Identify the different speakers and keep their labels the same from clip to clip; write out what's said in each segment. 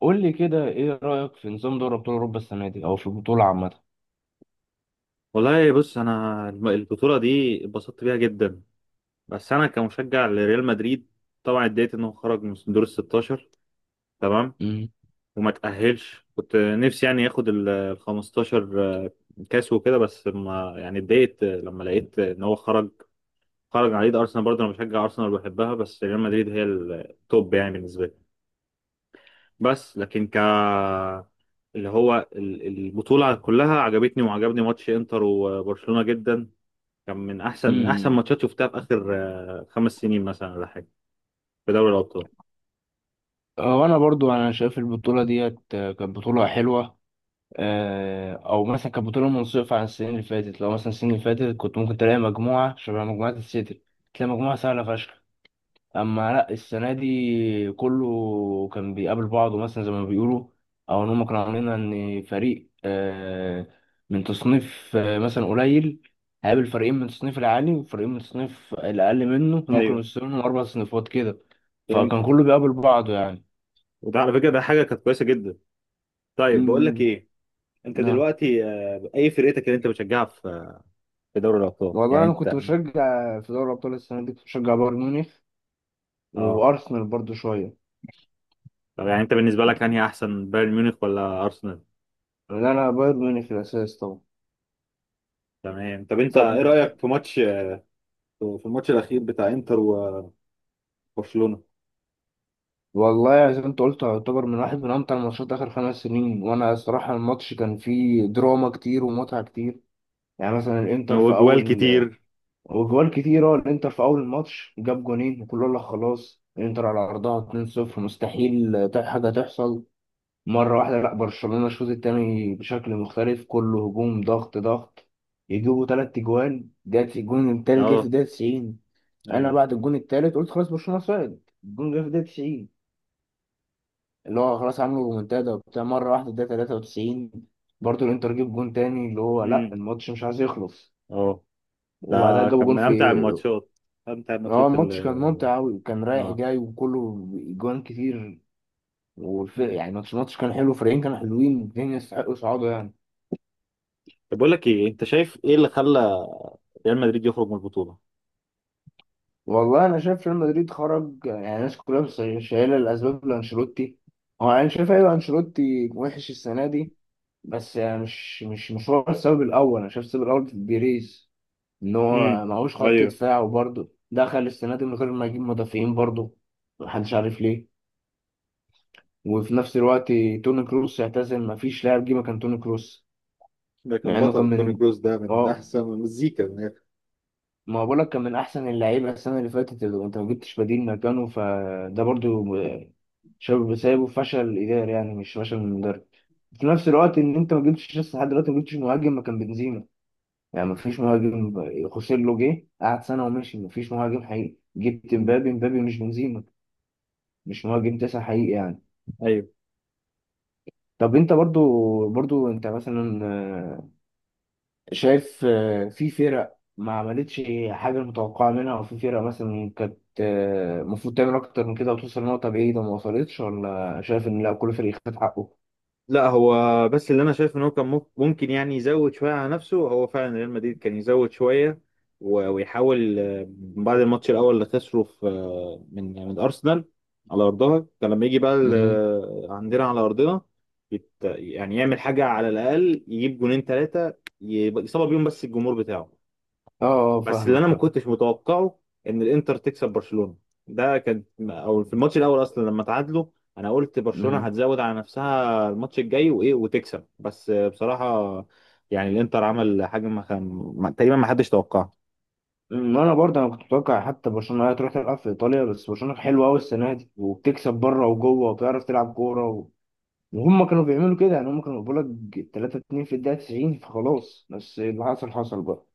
Speaker 1: قول لي كده ايه رأيك في نظام دوري ابطال اوروبا السنة دي او في البطولة عامة؟
Speaker 2: والله بص انا البطوله دي اتبسطت بيها جدا. بس انا كمشجع لريال مدريد طبعا اتضايقت انه خرج من دور ال 16. تمام.
Speaker 1: مم.
Speaker 2: وما تاهلش، كنت نفسي يعني ياخد ال 15 آه، كاس وكده. بس ما يعني اتضايقت لما لقيت ان هو خرج، خرج على يد ارسنال. برضه انا بشجع ارسنال وبحبها، بس ريال مدريد هي التوب يعني بالنسبه لي. بس لكن اللي هو البطوله كلها عجبتني وعجبني ماتش انتر وبرشلونه جدا. كان من احسن
Speaker 1: امم.
Speaker 2: ماتشات شفتها في اخر خمس سنين مثلا ولا حاجه، في دوري الابطال.
Speaker 1: وانا برضو شايف البطولة ديت كانت بطولة حلوة. او مثلا كانت بطولة منصفة عن السنين اللي فاتت، لو مثلا السنين اللي فاتت كنت ممكن تلاقي مجموعة شبه مجموعة السيتي، تلاقي مجموعة سهلة فشخ. اما لا، السنه دي كله كان بيقابل بعضه، مثلا زي ما بيقولوا، او ان هم كانوا عاملين ان فريق من تصنيف مثلا قليل هيقابل فريقين من التصنيف العالي وفريقين من التصنيف الاقل منه. هم كانوا
Speaker 2: ايوه،
Speaker 1: مستنيين اربع صنفات كده، فكان
Speaker 2: فهمتك.
Speaker 1: كله بيقابل بعضه يعني.
Speaker 2: وده على فكره، ده حاجه كانت كويسه جدا. طيب، بقول لك
Speaker 1: امم.
Speaker 2: ايه. انت
Speaker 1: نعم.
Speaker 2: دلوقتي اي فرقتك اللي انت بتشجعها في دوري الابطال؟ يعني
Speaker 1: والله انا كنت
Speaker 2: انت.
Speaker 1: بشجع في دوري الابطال السنه دي، كنت بشجع بايرن ميونخ
Speaker 2: اه.
Speaker 1: وارسنال برضو شويه،
Speaker 2: طب، يعني انت بالنسبه لك انهي احسن، بايرن ميونخ ولا ارسنال؟
Speaker 1: لان انا بايرن ميونخ في الاساس طبعا.
Speaker 2: تمام. طب انت ايه
Speaker 1: طب،
Speaker 2: رايك في في الماتش الاخير بتاع انتر وبرشلونه.
Speaker 1: والله يعني زي ما انت قلت، يعتبر من واحد من امتع الماتشات اخر 5 سنين. وانا الصراحه الماتش كان فيه دراما كتير ومتعه كتير. يعني مثلا الانتر في
Speaker 2: وجوال
Speaker 1: اول
Speaker 2: كتير.
Speaker 1: وجوال كتير. اه، الانتر في اول الماتش جاب جونين وكله قال لك خلاص الانتر على ارضها 2-0، مستحيل حاجه تحصل. مره واحده لا، برشلونه الشوط التاني بشكل مختلف، كله هجوم، ضغط ضغط، يجيبوا تلات اجوال. جت الجون التالت جه في
Speaker 2: اه.
Speaker 1: الدقيقه 90. انا
Speaker 2: ايوه.
Speaker 1: بعد الجون التالت قلت خلاص برشلونه صعد، الجون جه في الدقيقه 90، اللي هو خلاص عملوا رومنتادا وبتاع مرة واحدة ده 93. برضه الانتر جاب جون تاني، اللي هو لا،
Speaker 2: امم.
Speaker 1: الماتش مش عايز يخلص.
Speaker 2: اه. ده
Speaker 1: وبعدها جابوا
Speaker 2: كان
Speaker 1: جون
Speaker 2: من
Speaker 1: في،
Speaker 2: امتع الماتشات. انت
Speaker 1: اه
Speaker 2: الماتشات
Speaker 1: الماتش كان
Speaker 2: اللي...
Speaker 1: ممتع أوي، كان رايح
Speaker 2: اه.
Speaker 1: جاي وكله جوان كتير.
Speaker 2: مم.
Speaker 1: يعني الماتش كان حلو، فريقين كانوا حلوين الاتنين، يستحقوا صعودة يعني.
Speaker 2: طب، بقول لك ايه. انت شايف ايه اللي خلى ريال مدريد يخرج من البطوله؟
Speaker 1: والله انا شايف ريال مدريد خرج، يعني الناس كلها شايله الاسباب لانشيلوتي. هو انا شايف ايوه انشيلوتي وحش السنة دي، بس يعني مش هو السبب الاول. انا شايف السبب الاول في بيريز، ان
Speaker 2: امم.
Speaker 1: هو معهوش خط
Speaker 2: ايوه.
Speaker 1: دفاع وبرضه دخل السنه دي من غير ما يجيب مدافعين برضه. محدش عارف ليه. وفي نفس الوقت توني كروس اعتزل، مفيش لاعب جه مكان توني كروس،
Speaker 2: ده كان
Speaker 1: مع انه كان
Speaker 2: بطل، توني
Speaker 1: من،
Speaker 2: كروس ده من
Speaker 1: اه
Speaker 2: احسن المزيكا من الآخر.
Speaker 1: ما بقولك كان من احسن اللعيبه السنه اللي فاتت. اللي انت ما جبتش بديل مكانه، فده برضه شاب سايبه، فشل اداري، يعني مش فشل من مدرب. في نفس الوقت ان انت ما جبتش لسه لحد دلوقتي، ما جبتش مهاجم مكان بنزيما، يعني مفيش مهاجم. خوسيلو جه قعد سنة ومشي، مفيش مهاجم حقيقي. جبت
Speaker 2: مم.
Speaker 1: مبابي، مبابي مش بنزيما، مش مهاجم تسعة حقيقي يعني.
Speaker 2: ايوه.
Speaker 1: طب انت برضو مثلا شايف في فرق ما عملتش حاجة متوقعة منها، وفي فرق مثلا كانت المفروض تعمل أكتر من كده وتوصل نقطة بعيدة ما وصلتش، ولا شايف إن لا كل فريق خد حقه؟
Speaker 2: لا، هو بس اللي انا شايف ان هو كان ممكن يعني يزود شويه على نفسه. هو فعلا ريال مدريد كان يزود شويه ويحاول، بعد الماتش الاول اللي خسره في، من ارسنال على ارضها. كان لما يجي بقى
Speaker 1: مم.
Speaker 2: عندنا على ارضنا يعني يعمل حاجه على الاقل، يجيب جونين ثلاثه يصاب بيهم، بس الجمهور بتاعه.
Speaker 1: اه. اه
Speaker 2: بس اللي انا
Speaker 1: فاهمك،
Speaker 2: ما
Speaker 1: فاهم.
Speaker 2: كنتش متوقعه ان الانتر تكسب برشلونة. ده كان، او في الماتش الاول اصلا لما تعادلوا، انا قلت برشلونة
Speaker 1: مم.
Speaker 2: هتزود على نفسها الماتش الجاي وايه وتكسب، بس بصراحة يعني الانتر عمل حاجة ما كان تقريبا ما حدش توقعها.
Speaker 1: ما انا برضه كنت متوقع حتى برشلونه هي تروح تلعب في ايطاليا، بس برشلونه حلوه قوي السنه دي، وبتكسب بره وجوه، وبتعرف تلعب كوره وهم كانوا بيعملوا كده. يعني هم كانوا بيقول لك 3-2 في الدقيقه 90، فخلاص. بس اللي حصل حصل بقى.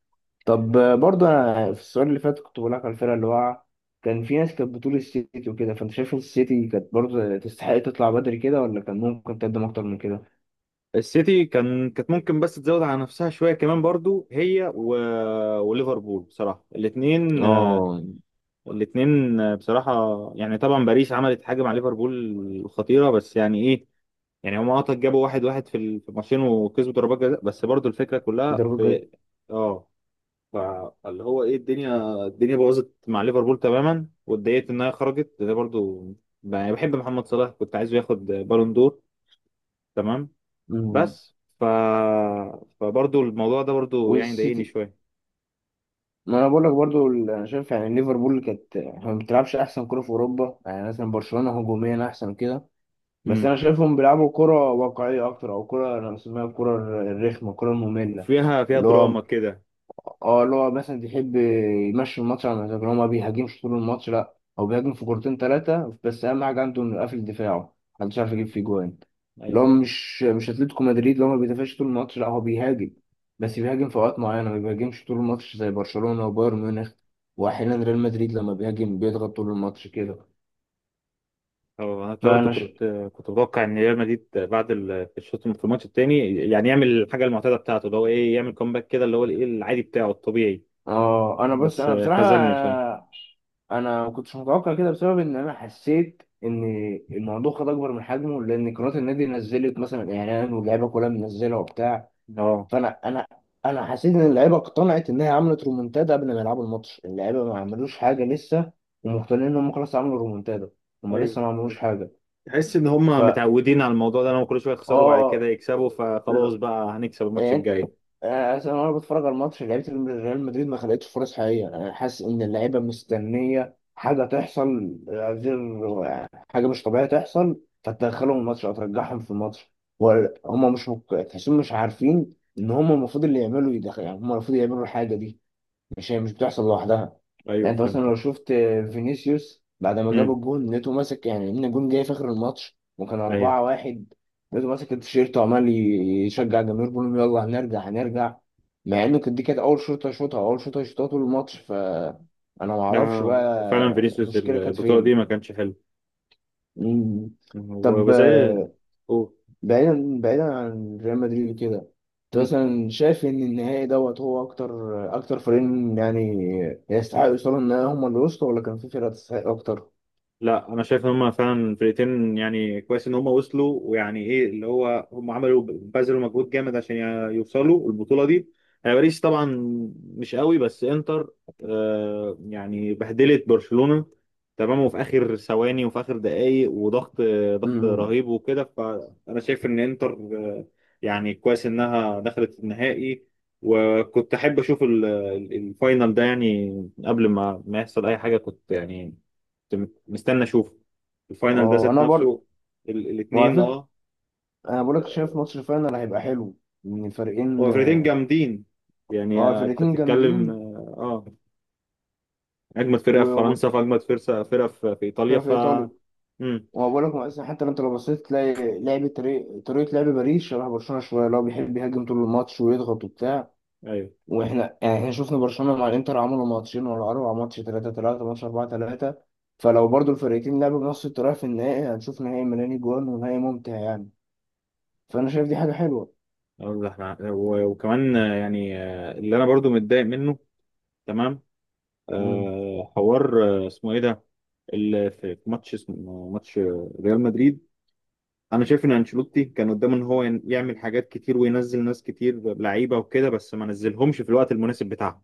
Speaker 1: طب، برضه انا في السؤال اللي فات كنت بقول لك على الفرقه اللي واقعه، كان في ناس كانت بتقول السيتي وكده. فانت شايف السيتي كانت برضه تستحق تطلع بدري كده، ولا كان ممكن تقدم اكتر من كده؟
Speaker 2: السيتي كانت ممكن بس تزود على نفسها شوية كمان برضو، هي و... وليفربول بصراحة،
Speaker 1: اه.
Speaker 2: الاتنين بصراحة. يعني طبعا باريس عملت حاجة مع ليفربول خطيرة، بس يعني ايه. يعني هم جابوا واحد واحد في في الماتشين وكسبوا ضربات جزاء، بس برضو الفكره كلها
Speaker 1: درجه.
Speaker 2: في... اه. فاللي هو ايه، الدنيا باظت مع ليفربول تماما، واتضايقت انها خرجت ده برضو. يعني بحب محمد صلاح، كنت عايزه ياخد بالون دور. تمام.
Speaker 1: مم.
Speaker 2: بس فبرضو الموضوع ده برضو يعني ضايقني
Speaker 1: والسيتي،
Speaker 2: شويه.
Speaker 1: ما انا بقول لك برضو انا شايف يعني ليفربول كانت ما بتلعبش احسن كرة في اوروبا. يعني مثلا برشلونة هجوميا احسن كده، بس
Speaker 2: امم.
Speaker 1: انا شايفهم بيلعبوا كرة واقعية اكتر، او كرة انا بسميها الكرة الرخمة، الكرة المملة.
Speaker 2: فيها
Speaker 1: اللي هو،
Speaker 2: دراما كده.
Speaker 1: اه اللي هو مثلا بيحب يمشي الماتش على مزاجه، هو ما بيهاجمش طول الماتش، لا هو بيهاجم في كورتين ثلاثة، بس أهم حاجة عنده إنه قافل دفاعه محدش عارف يجيب فيه جوان. اللي
Speaker 2: امم
Speaker 1: هو مش أتلتيكو مدريد اللي هو ما بيدافعش طول الماتش، لا هو بيهاجم، بس بيهاجم في أوقات معينة، ما بيهاجمش طول الماتش زي برشلونة وبايرن ميونخ. وأحيانا ريال مدريد لما بيهاجم بيضغط طول الماتش كده.
Speaker 2: هو انا برضه
Speaker 1: فأنا ش...
Speaker 2: كنت متوقع ان ريال مدريد بعد الشوط في الماتش التاني يعني يعمل الحاجه المعتاده بتاعته، اللي هو ايه، يعمل كومباك كده، اللي هو الايه العادي بتاعه الطبيعي.
Speaker 1: اه أنا بص،
Speaker 2: بس
Speaker 1: أنا بصراحة
Speaker 2: خذلني بصراحه.
Speaker 1: انا ما كنتش متوقع كده، بسبب ان انا حسيت ان الموضوع خد اكبر من حجمه، لان قناه النادي نزلت مثلا اعلان واللعيبه كلها منزله وبتاع.
Speaker 2: اه.
Speaker 1: فانا انا انا حسيت ان اللعيبه اقتنعت انها عملت رومنتادا قبل ما يلعبوا الماتش. اللعيبه ما عملوش حاجه لسه، ومقتنعين ان هم خلاص عملوا رومنتادا، هم
Speaker 2: ايوه
Speaker 1: لسه ما
Speaker 2: فهمتك.
Speaker 1: عملوش حاجه.
Speaker 2: تحس ان هم
Speaker 1: فا
Speaker 2: متعودين على الموضوع ده، ان هم كل شويه يخسروا بعد كده
Speaker 1: اه
Speaker 2: يكسبوا، فخلاص
Speaker 1: ال-
Speaker 2: بقى هنكسب الماتش
Speaker 1: يعني،
Speaker 2: الجاي.
Speaker 1: أصل أنا وأنا بتفرج على الماتش لعيبة ريال مدريد ما خلقتش فرص حقيقية. أنا حاسس إن اللعيبة مستنية حاجة تحصل غير حاجة مش طبيعية تحصل فتدخلهم الماتش أو ترجعهم في الماتش. ولا هم مش مك... تحسهم مش عارفين إن هم المفروض اللي يعملوا يدخل، يعني هم المفروض يعملوا الحاجة دي، مش هي مش بتحصل لوحدها.
Speaker 2: ايوه
Speaker 1: يعني انت مثلا لو
Speaker 2: فهمتك.
Speaker 1: شفت فينيسيوس بعد ما جاب
Speaker 2: امم.
Speaker 1: الجون لقيته ماسك، يعني ان الجون جاي في اخر الماتش وكان
Speaker 2: ايوه.
Speaker 1: 4-1، لقيته ماسك التيشيرت وعمال يشجع الجماهير بيقول لهم يلا هنرجع هنرجع، مع انه كانت دي كانت اول شوطه يشوطها طول الماتش. انا ما
Speaker 2: لا،
Speaker 1: اعرفش بقى
Speaker 2: وفعلا فينيسيوس
Speaker 1: المشكله كانت
Speaker 2: البطوله دي
Speaker 1: فين.
Speaker 2: ما كانش حلو.
Speaker 1: مم. طب،
Speaker 2: وزي... اوه.
Speaker 1: بعيدا بعيدا عن ريال مدريد وكده، انت مثلا شايف ان النهائي دوت هو اكتر فريقين يعني يستحقوا يوصلوا النهائي هم اللي وصلوا، ولا كان في فرقة تستحق اكتر؟
Speaker 2: لا، انا شايف ان هم فعلا الفرقتين يعني كويس ان هم وصلوا، ويعني ايه، اللي هو هم عملوا بذلوا مجهود جامد عشان يوصلوا البطوله دي. باريس طبعا مش قوي، بس انتر يعني بهدلت برشلونه. تمام. وفي اخر ثواني وفي اخر دقائق، وضغط ضغط
Speaker 1: امم.
Speaker 2: رهيب وكده. فانا شايف ان انتر يعني كويس انها دخلت النهائي. وكنت احب اشوف الفاينل ده، يعني قبل ما يحصل اي حاجه. كنت يعني مستني اشوف الفاينل ده
Speaker 1: اه
Speaker 2: ذات
Speaker 1: انا برضه،
Speaker 2: نفسه،
Speaker 1: وعلى
Speaker 2: الاثنين.
Speaker 1: فكرة
Speaker 2: اه.
Speaker 1: انا بقولك، شايف ماتش الفاينل هيبقى حلو، ان الفريقين،
Speaker 2: هو فرقتين جامدين. يعني
Speaker 1: اه
Speaker 2: انت
Speaker 1: الفريقين
Speaker 2: بتتكلم
Speaker 1: جامدين،
Speaker 2: اجمد فرقه في
Speaker 1: وفرقة
Speaker 2: فرنسا، في اجمد فرقه في, ايطاليا.
Speaker 1: في ايطاليا.
Speaker 2: امم.
Speaker 1: وأنا بقول لك مثلا، حتى لو انت لو بصيت تلاقي لعب، طريقة لعب باريس شبه برشلونة شوية، اللي هو بيحب يهاجم طول الماتش ويضغط وبتاع.
Speaker 2: ايوه.
Speaker 1: واحنا يعني احنا شفنا برشلونة مع الانتر عملوا ماتشين ورا بعض، ماتش 3-3 ماتش 4-3. فلو برضو الفرقتين لعبوا بنفس الطريقة في النهائي هنشوف نهائي ملاني جوان ونهائي ممتع يعني. فانا شايف دي حاجة حلوة.
Speaker 2: أقول لك وكمان يعني اللي انا برضو متضايق منه. تمام.
Speaker 1: امم.
Speaker 2: حوار، اسمه ايه ده، في ماتش اسمه ماتش ريال مدريد. انا شايف ان انشيلوتي كان قدامه ان هو يعمل حاجات كتير وينزل ناس كتير لعيبه وكده، بس ما نزلهمش في الوقت المناسب بتاعهم،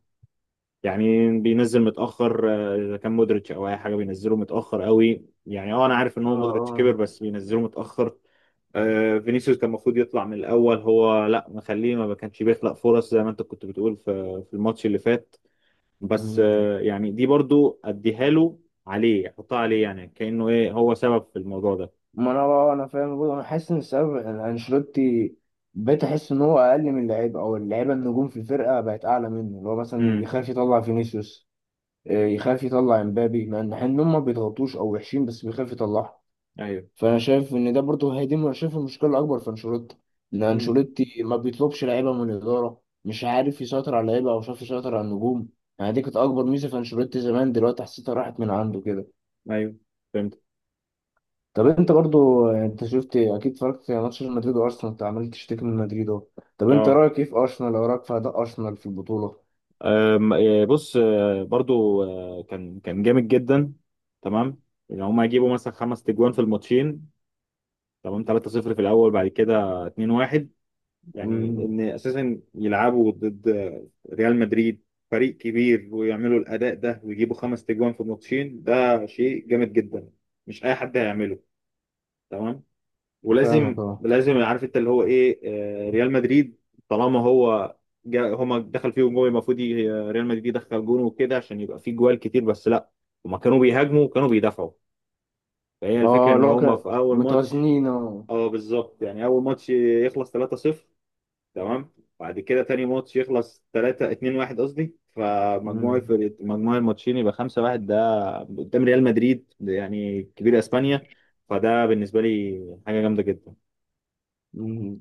Speaker 2: يعني بينزل متاخر. اذا كان مودريتش او اي حاجه بينزله متاخر قوي، يعني اه انا عارف ان
Speaker 1: اه.
Speaker 2: هو مودريتش كبر،
Speaker 1: اه.
Speaker 2: بس بينزله متاخر. فينيسيوس كان المفروض يطلع من الاول. هو لا مخليه، ما كانش بيخلق فرص زي ما انت كنت بتقول في الماتش اللي فات. بس
Speaker 1: امم.
Speaker 2: يعني دي برضو اديها له، عليه، احطها عليه، يعني كانه ايه، هو سبب في الموضوع ده.
Speaker 1: ما انا بقى انا فاهم برضو، انا حاسس ان السبب ان انشيلوتي، بقيت احس ان هو اقل من اللعيبه، او اللعيبه النجوم في الفرقه بقت اعلى منه، اللي هو مثلا
Speaker 2: امم.
Speaker 1: يخاف يطلع فينيسيوس، يخاف يطلع امبابي، مع ان إن هم ما بيضغطوش او وحشين، بس بيخاف يطلعهم.
Speaker 2: ايوه،
Speaker 1: فانا شايف ان ده برضه هي دي، أنا شايف المشكله الاكبر في انشيلوتي، ان انشيلوتي ما بيطلبش لعيبه من الاداره، مش عارف يسيطر على اللعيبه، او شاف يسيطر على النجوم. يعني دي كانت اكبر ميزه في انشيلوتي زمان، دلوقتي حسيتها راحت من عنده كده.
Speaker 2: ايوه، فهمت.
Speaker 1: طب انت برضه، انت شفت اكيد اتفرجت على ماتش مدريد وارسنال، انت عمال تشتكي من مدريد اهو. طب انت
Speaker 2: اه.
Speaker 1: رايك ايه في ارسنال، او رايك في اداء ارسنال في البطوله؟
Speaker 2: أم، آه، بص، برضو كان جامد جدا. تمام. ان هم هيجيبوا مثلا خمس تجوان في الماتشين، تمام. 3-0 في الاول، بعد كده 2-1، يعني
Speaker 1: امم.
Speaker 2: ان اساسا يلعبوا ضد ريال مدريد، فريق كبير، ويعملوا الاداء ده ويجيبوا خمس تجوان في الماتشين، ده شيء جامد جدا. مش اي حد هيعمله. تمام. ولازم
Speaker 1: فاهمك اه.
Speaker 2: لازم عارف انت اللي هو ايه، ريال مدريد، طالما هو جا هما دخل فيهم جول، المفروض ريال مدريد يدخل جون وكده عشان يبقى فيه جوال كتير. بس لا، هما كانوا بيهاجموا وكانوا بيدافعوا. فهي الفكره
Speaker 1: اه
Speaker 2: ان
Speaker 1: لو
Speaker 2: هما في
Speaker 1: كانت
Speaker 2: اول ماتش.
Speaker 1: متوازنين اه.
Speaker 2: اه بالظبط يعني، اول ماتش يخلص 3-0، تمام. بعد كده تاني ماتش يخلص 3، 2-1 قصدي، فمجموع
Speaker 1: أمم.
Speaker 2: الفرق مجموع الماتشين يبقى 5-1. ده قدام ريال مدريد، يعني كبير اسبانيا، فده بالنسبه لي حاجه جامده جدا.
Speaker 1: أمم.